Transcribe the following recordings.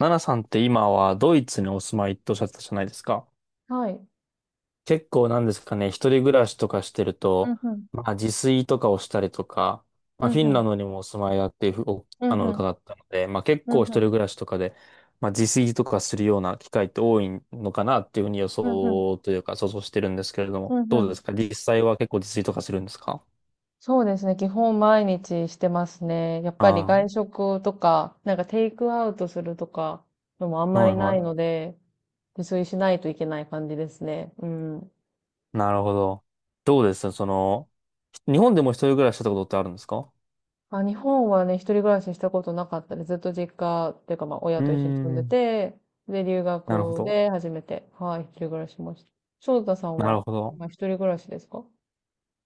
ナナさんって今はドイツにお住まいっておっしゃってたじゃないですか。はい。結構なんですかね、一人暮らしとかしてるうと、んうん。まあ自炊とかをしたりとか、まうあんフィうンん。ランドにもお住まいだっていうふうお、うんあの、うん。伺ったので、まあ結うん構一うん。人暮らしとかで、まあ自炊とかするような機会って多いのかなっていうふうに予うんうん。想というか想像してるんですけれどうも、んうどうでん。すか実際は結構自炊とかするんですか？そうですね。基本毎日してますね。やっぱり外あ食とか、なんかテイクアウトするとかのもあんあ、まはりいないはので、自炊しないといけない感じですね。うん。い。なるほど。どうですその、日本でも一人暮らししたことってあるんですか？まあ、日本はね、一人暮らししたことなかったりずっと実家っていうか、まあ、親うーと一緒に住んでん、て、で、留なるほ学ど。で初めて、はい、一人暮らししました。翔太さんなるは、ほど。今一人暮らしですか？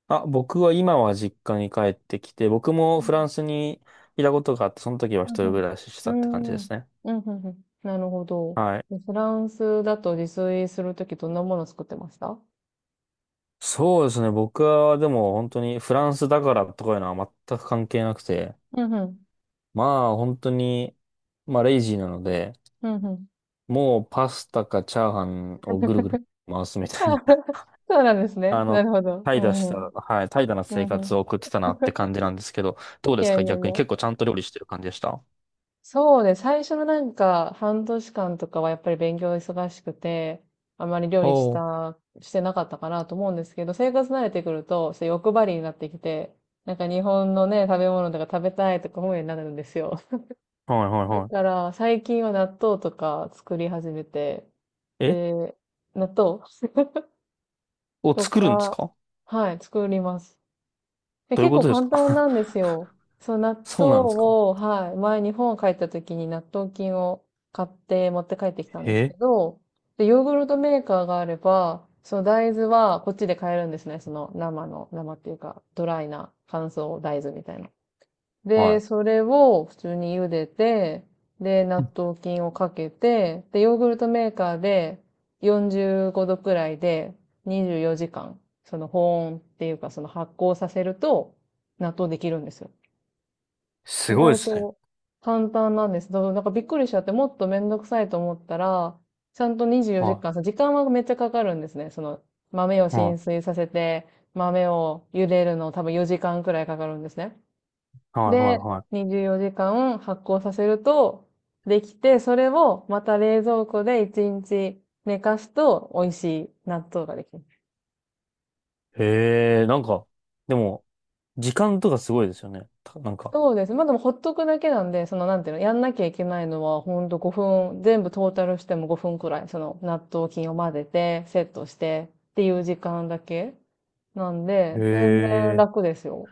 あ、僕は今は実家に帰ってきて、僕もフランスにいたことがあって、その時は一う人ん暮らししてうたって感じでん。うーん。すね。うんうんうん。なるほど。はい。でフランスだと自炊するときどんなもの作ってました？そうですね。僕はでも本当にフランスだからとかいうのは全く関係なくて、うんうん。まあ本当に、まあレイジーなので、うんうん。もうパスタかチャーハンをぐるぐる回すみたいな、そうなんです ね。あなの、るほど。怠う惰んしうた、ん。はい、怠惰なう生んう活ん。を送ってたなって感じなんですけど、どういですやかいやい逆にや。結構ちゃんと料理してる感じでした？そうね。最初のなんか半年間とかはやっぱり勉強忙しくて、あまり料お理しおー。た、してなかったかなと思うんですけど、生活慣れてくると、そう欲張りになってきて、なんか日本のね、食べ物とか食べたいとか思うようになるんですよ。はいはいだはい。から、最近は納豆とか作り始めて、えで、納豆をと作るんですか、か？はい、作ります。で、どういう結こ構とです簡単か？ なんですよ。そう、納 豆そうなんですか？を、はい、前日本帰った時に納豆菌を買って持って帰ってきたんですけえど、で、ヨーグルトメーカーがあれば、その大豆はこっちで買えるんですね。その生の、生っていうか、ドライな乾燥大豆みたいな。はで、い。それを普通に茹でて、で、納豆菌をかけて、で、ヨーグルトメーカーで45度くらいで24時間、その保温っていうかその発酵させると納豆できるんですよ。す意ごい外ですね。と簡単なんです。だからびっくりしちゃって、もっとめんどくさいと思ったら、ちゃんと24時は間時間はめっちゃかかるんですね。その豆をい。は浸い。水させて、豆を茹でるの多分4時間くらいかかるんですね。はい。はい。で、はい24時間発酵させると、できて、それをまた冷蔵庫で1日寝かすと美味しい納豆ができる。えー、なんか、でも、時間とかすごいですよね。たなんか。そうです。まあでもほっとくだけなんで、そのなんていうの、やんなきゃいけないのはほんと5分、全部トータルしても5分くらい、その納豆菌を混ぜて、セットしてっていう時間だけなんへで、全然え。楽ですよ。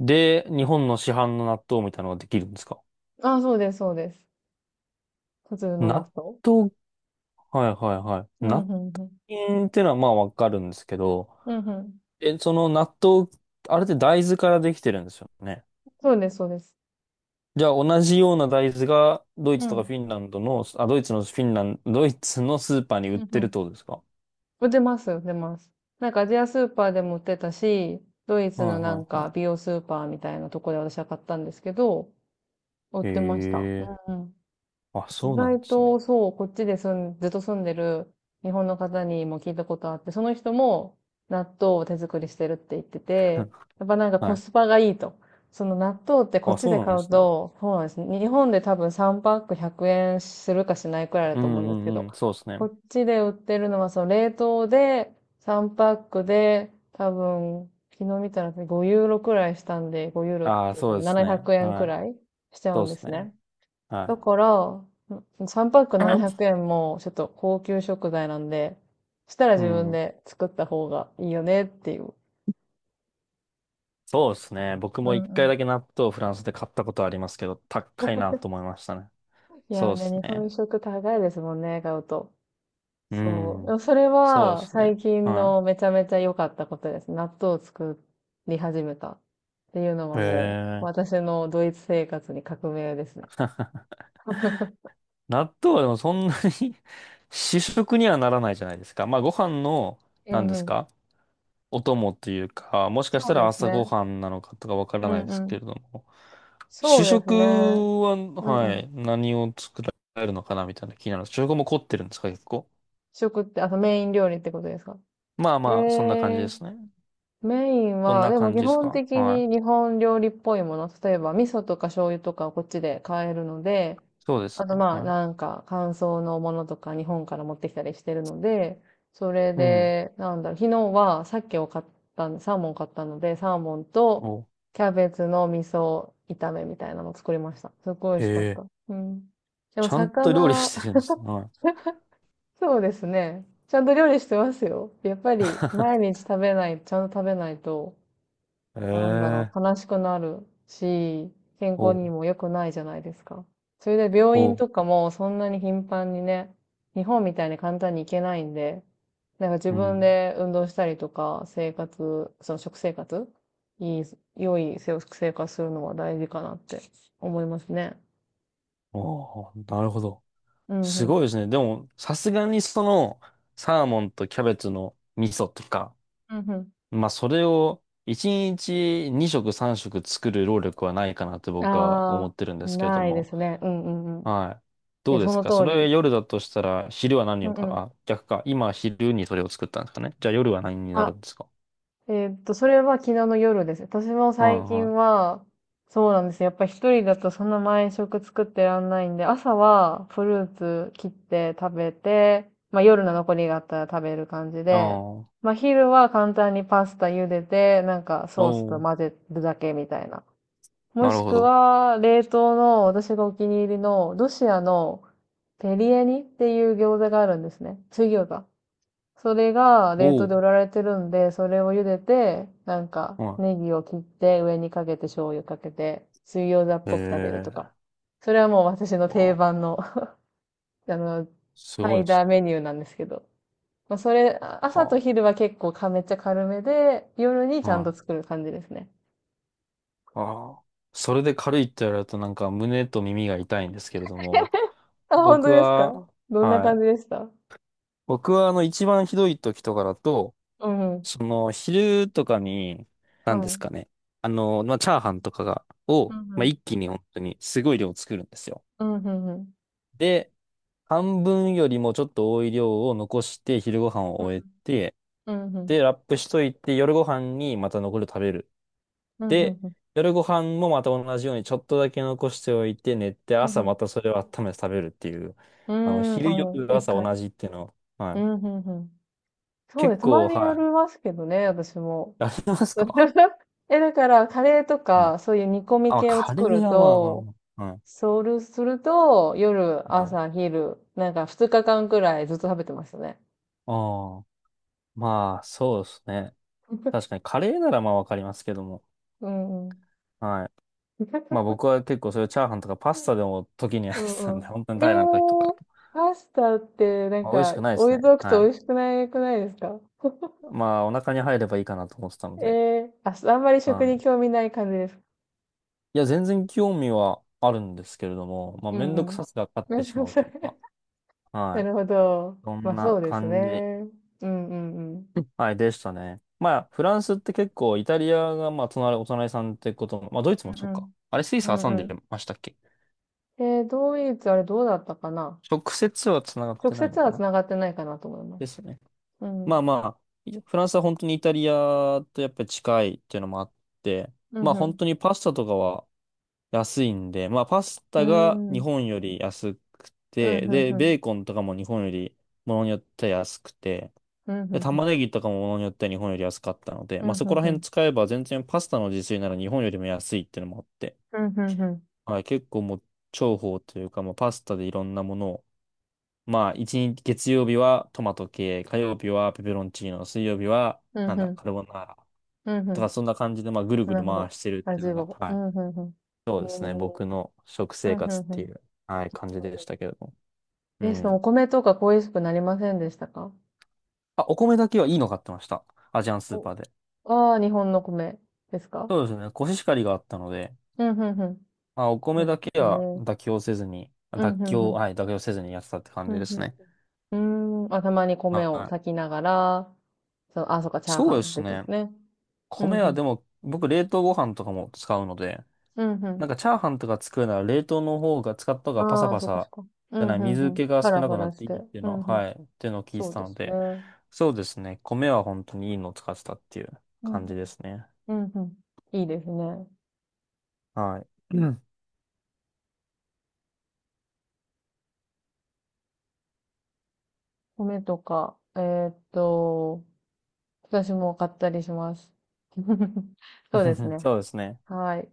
で、日本の市販の納豆みたいなのができるんですか？あ、そうです、そうです。普通の納納豆。豆、はいはいはい。うん、う納ん、うん。豆ってのはまあわかるんですけど、うん、うん。え、その納豆、あれって大豆からできてるんですよね。そうです、そうです。じゃあ同じような大豆がドイうツとかん、フィンランドの、あ、ドイツのフィンランド、ドイツのスーパーに売うっん、うてるっん。てことですかは売ってます、売ってます。なんかアジアスーパーでも売ってたし、ドイいツはのなんいかは美容スーパーみたいなとこで私は買ったんですけど、売っい。へてました。うえ。んうん。あ、意そうなん外ですね。と、そう、こっちで住ん、ずっと住んでる日本の方にも聞いたことあって、その人も納豆を手作りしてるって言ってて、やっぱなんかはコい。スパがいいと。その納豆ってこっあ、ちそうでなん買でうすね。と、そうなんですね、日本で多分3パック100円するかしないくらいだうと思うんんですけうんうど、ん。そうですこね。っちで売ってるのはその冷凍で3パックで多分昨日見たら5ユーロくらいしたんで、5ユーロっああ、て多そうで分す700ね。円くえんはくい。らいしちゃうそうんでですすね。ね。だはから、3パックい。700円もちょっと高級食材なんで、そしたらう自分ん。で作った方がいいよねっていう。そうですね。僕うもん一う回ん。だけ納豆をフランスで買ったことありますけど、高いなと 思いましたね。いやーそうでね、す日本ね。食高いですもんね、買うと。うそう。でん。もそれそうではす最ね。近はのめちゃめちゃ良かったことです。納豆を作り始めたっていうのはい。へもうえ。私のドイツ生活に革命ですね。納豆はでもそんなに 主食にはならないじゃないですか。まあご飯の、う何んでうすん。か、お供っていうか、もしかしそたうらです朝ごね。飯なのかとかわからうないんでうすけれん。ども。そ主うですね。食は、うんうはん。い、何を作られるのかなみたいな気になる。主食も凝ってるんですか、結構。食って、あのメイン料理ってことですか？まあえまあ、そんな感じでー、すね。メインどんは、なでも感基じです本か、的はにい。日本料理っぽいもの、例えば味噌とか醤油とかをこっちで買えるので、そうですあとね。まあはない。んか乾燥のものとか日本から持ってきたりしてるので、それうん。で、なんだろう、昨日は鮭を買ったん、サーモン買ったので、サーモンとお、キャベツの味噌炒めみたいなのを作りました。すごい美へ味しかっえ。た。うん。でもちゃんと料理魚、してるんですね。はい。そうですね。ちゃんと料理してますよ。やっぱり毎日食べない、ちゃんと食べないと、へなんだろえ。う、悲しくなるし、健康お、にも良くないじゃないですか。それで病院お、とかもそんなに頻繁にね、日本みたいに簡単に行けないんで、なんか自う分ん。で運動したりとか、生活、その食生活、いい、良い食生活するのは大事かなって思いますね。おー、なるほど。うんすうん。ごいですね。でも、さすがにその、サーモンとキャベツの味噌とか、うんまあ、それを1日2食3食作る労力はないかなってうん。僕はあ思ってるんあ、ですけれどないでも、すね。うんうんうん。はい。いどや、うでそすのかそ通れり。夜だとしたら、昼は何うをんうた、ん。あ、逆か。今昼にそれを作ったんですかね。じゃあ夜は何になるあ、んですか？それは昨日の夜です。私もはい最近はい。は、そうなんですよ。やっぱり一人だとそんな毎食作ってらんないんで、朝はフルーツ切って食べて、まあ夜の残りがあったら食べる感じで、ああまあ昼は簡単にパスタ茹でて、なんかおソースとー、混ぜるだけみたいな。もなるしほくど。は、冷凍の私がお気に入りのロシアのペリエニっていう餃子があるんですね。水餃子。それが冷凍おで売ー、られてるんで、それを茹でて、なんか、はネギを切って上にかけて醤油かけて、水餃子っい。えぽく食べるとか。ー、それはもう私のあ定ー番の あの、すサごいイですダーメね。ニューなんですけど。まあ、それ、あ朝とは昼は結構かめっちゃ軽めで、夜にあ。ちゃんはとい作る感じですね。ああ。それで軽いって言われるとなんか胸と耳が痛いんですけれども、あ、本当僕ですか？は、どんなは感い。じでした？僕は一番ひどい時とかだと、うん。その昼とかに、何ではすい。かね。まあ、チャーハンとかが、うを、んうまあ、ん。一気に本当にすごい量作るんですよ。うんうんうん。で、半分よりもちょっと多い量を残して昼ご飯をう終えんて、うん。で、ラップしといて夜ご飯にまた残りを食べる。うんうんで、うん。夜ご飯もまた同じようにちょっとだけ残しておいて寝て、うんうん朝うん。またそれを温めて食べるっていう、うーん、あ、昼、も夜、う、一朝回。同じっていうの、はうい。んうんうん。そうで結す。たま構、にやはりい。ますけどね、私も。やりますか？ え、だから、カレーとはい。か、そういう煮込みあ、系をカレー作るはまあまあと、まあ。はい。そうすると、夜、はい。朝、昼、なんか2日間くらいずっと食べてましたね。ああ、まあ、そうですね。確かに、カレーならまあわかりますけども。うんうん。はい。まあ僕 は結構そういうチャーハンとかパスタでも時にやっうてたんうんで、ん。本当に平らな時とか。パスタって、なんまあ美味しか、くないです置いね。とくはと美味い。しくないくないですか？まあお腹に入ればいいかなと思ってたので。えー、あ、あんまりは食い、に興味ない感じです。いや、全然興味はあるんですけれども、まあ、うめんどんくうさん。さが勝って しそうまうそうというか、はない。るほど。そんまあなそうです感じ、ね。うんうんうん。はい、でしたね。まあ、フランスって結構、イタリアが、まあ、隣、お隣さんってことも、まあ、ドイツうんもそううか。ん。あれ、スイスう挟んんでうましたっけ？ん。ドイツ、あれどうだったかな？直接は繋がっ直てない接のかはな、繋がってないかなと思います。ですね。うん。まあまあ、フランスは本当にイタリアとやっぱり近いっていうのもあって、うまあ、本ん当にパスタとかは、安いんで、まあパスうタがん。う日ん。本より安くうんて、うんで、うん。ベーコンとかも日本よりものによっては安くて、うんうんで、う玉ん。ねぎとかもものによっては日本より安かったので、うんまあそうこんらう辺ん。使えば全然パスタの自炊なら日本よりも安いっていうのもあって、うんうんうん。はい、結構もう重宝というか、もうパスタでいろんなものを、まあ一日、月曜日はトマト系、火曜日はペペロンチーノ、水曜日はうなんんうだ、ん。カルボナーラうんうとかん。そんな感じでまあぐるなぐるるほど。回してるっあていうじのが、オ。はうい、んうんうん。そえうですね。ー、僕の食う生んう活っんうていん。う、はい、感じでしたけれども。うえ、そのおん。米とか恋しくなりませんでしたか？あ、お米だけはいいの買ってました。アジアンスーお、パーで。ああー、日本の米ですか？そうですね。コシヒカリがあったので、うんうんうん。まあ、おい米やだけはね妥協せずに、うん、妥うん、う協、ん。はい、妥協せずにやってたって感うじん、ですね。うん。うーん。あ、たまに米はをい。炊きながら、そう、あ、そっか、チャーそハうでンす出てまね。すね。うん、米うはん。でも、僕冷凍ご飯とかも使うので、うん、うなんかチャーハンとか作るなら冷凍の方が、使った方ん。がパサああ、パそっか、そっサか。うじゃん、うない、水ん、うん。気がパ少ラなパくなラっしてて。いいっていううのは、ん、うん。はい、っていうのを聞いそてうたでのすね。うで、ん、そうですね。米は本当にいいのを使ってたっていううん。感じですね。うん、うん。いいですね。はい。うん 米とか、私も買ったりします。そうです ね。そうですね。はい。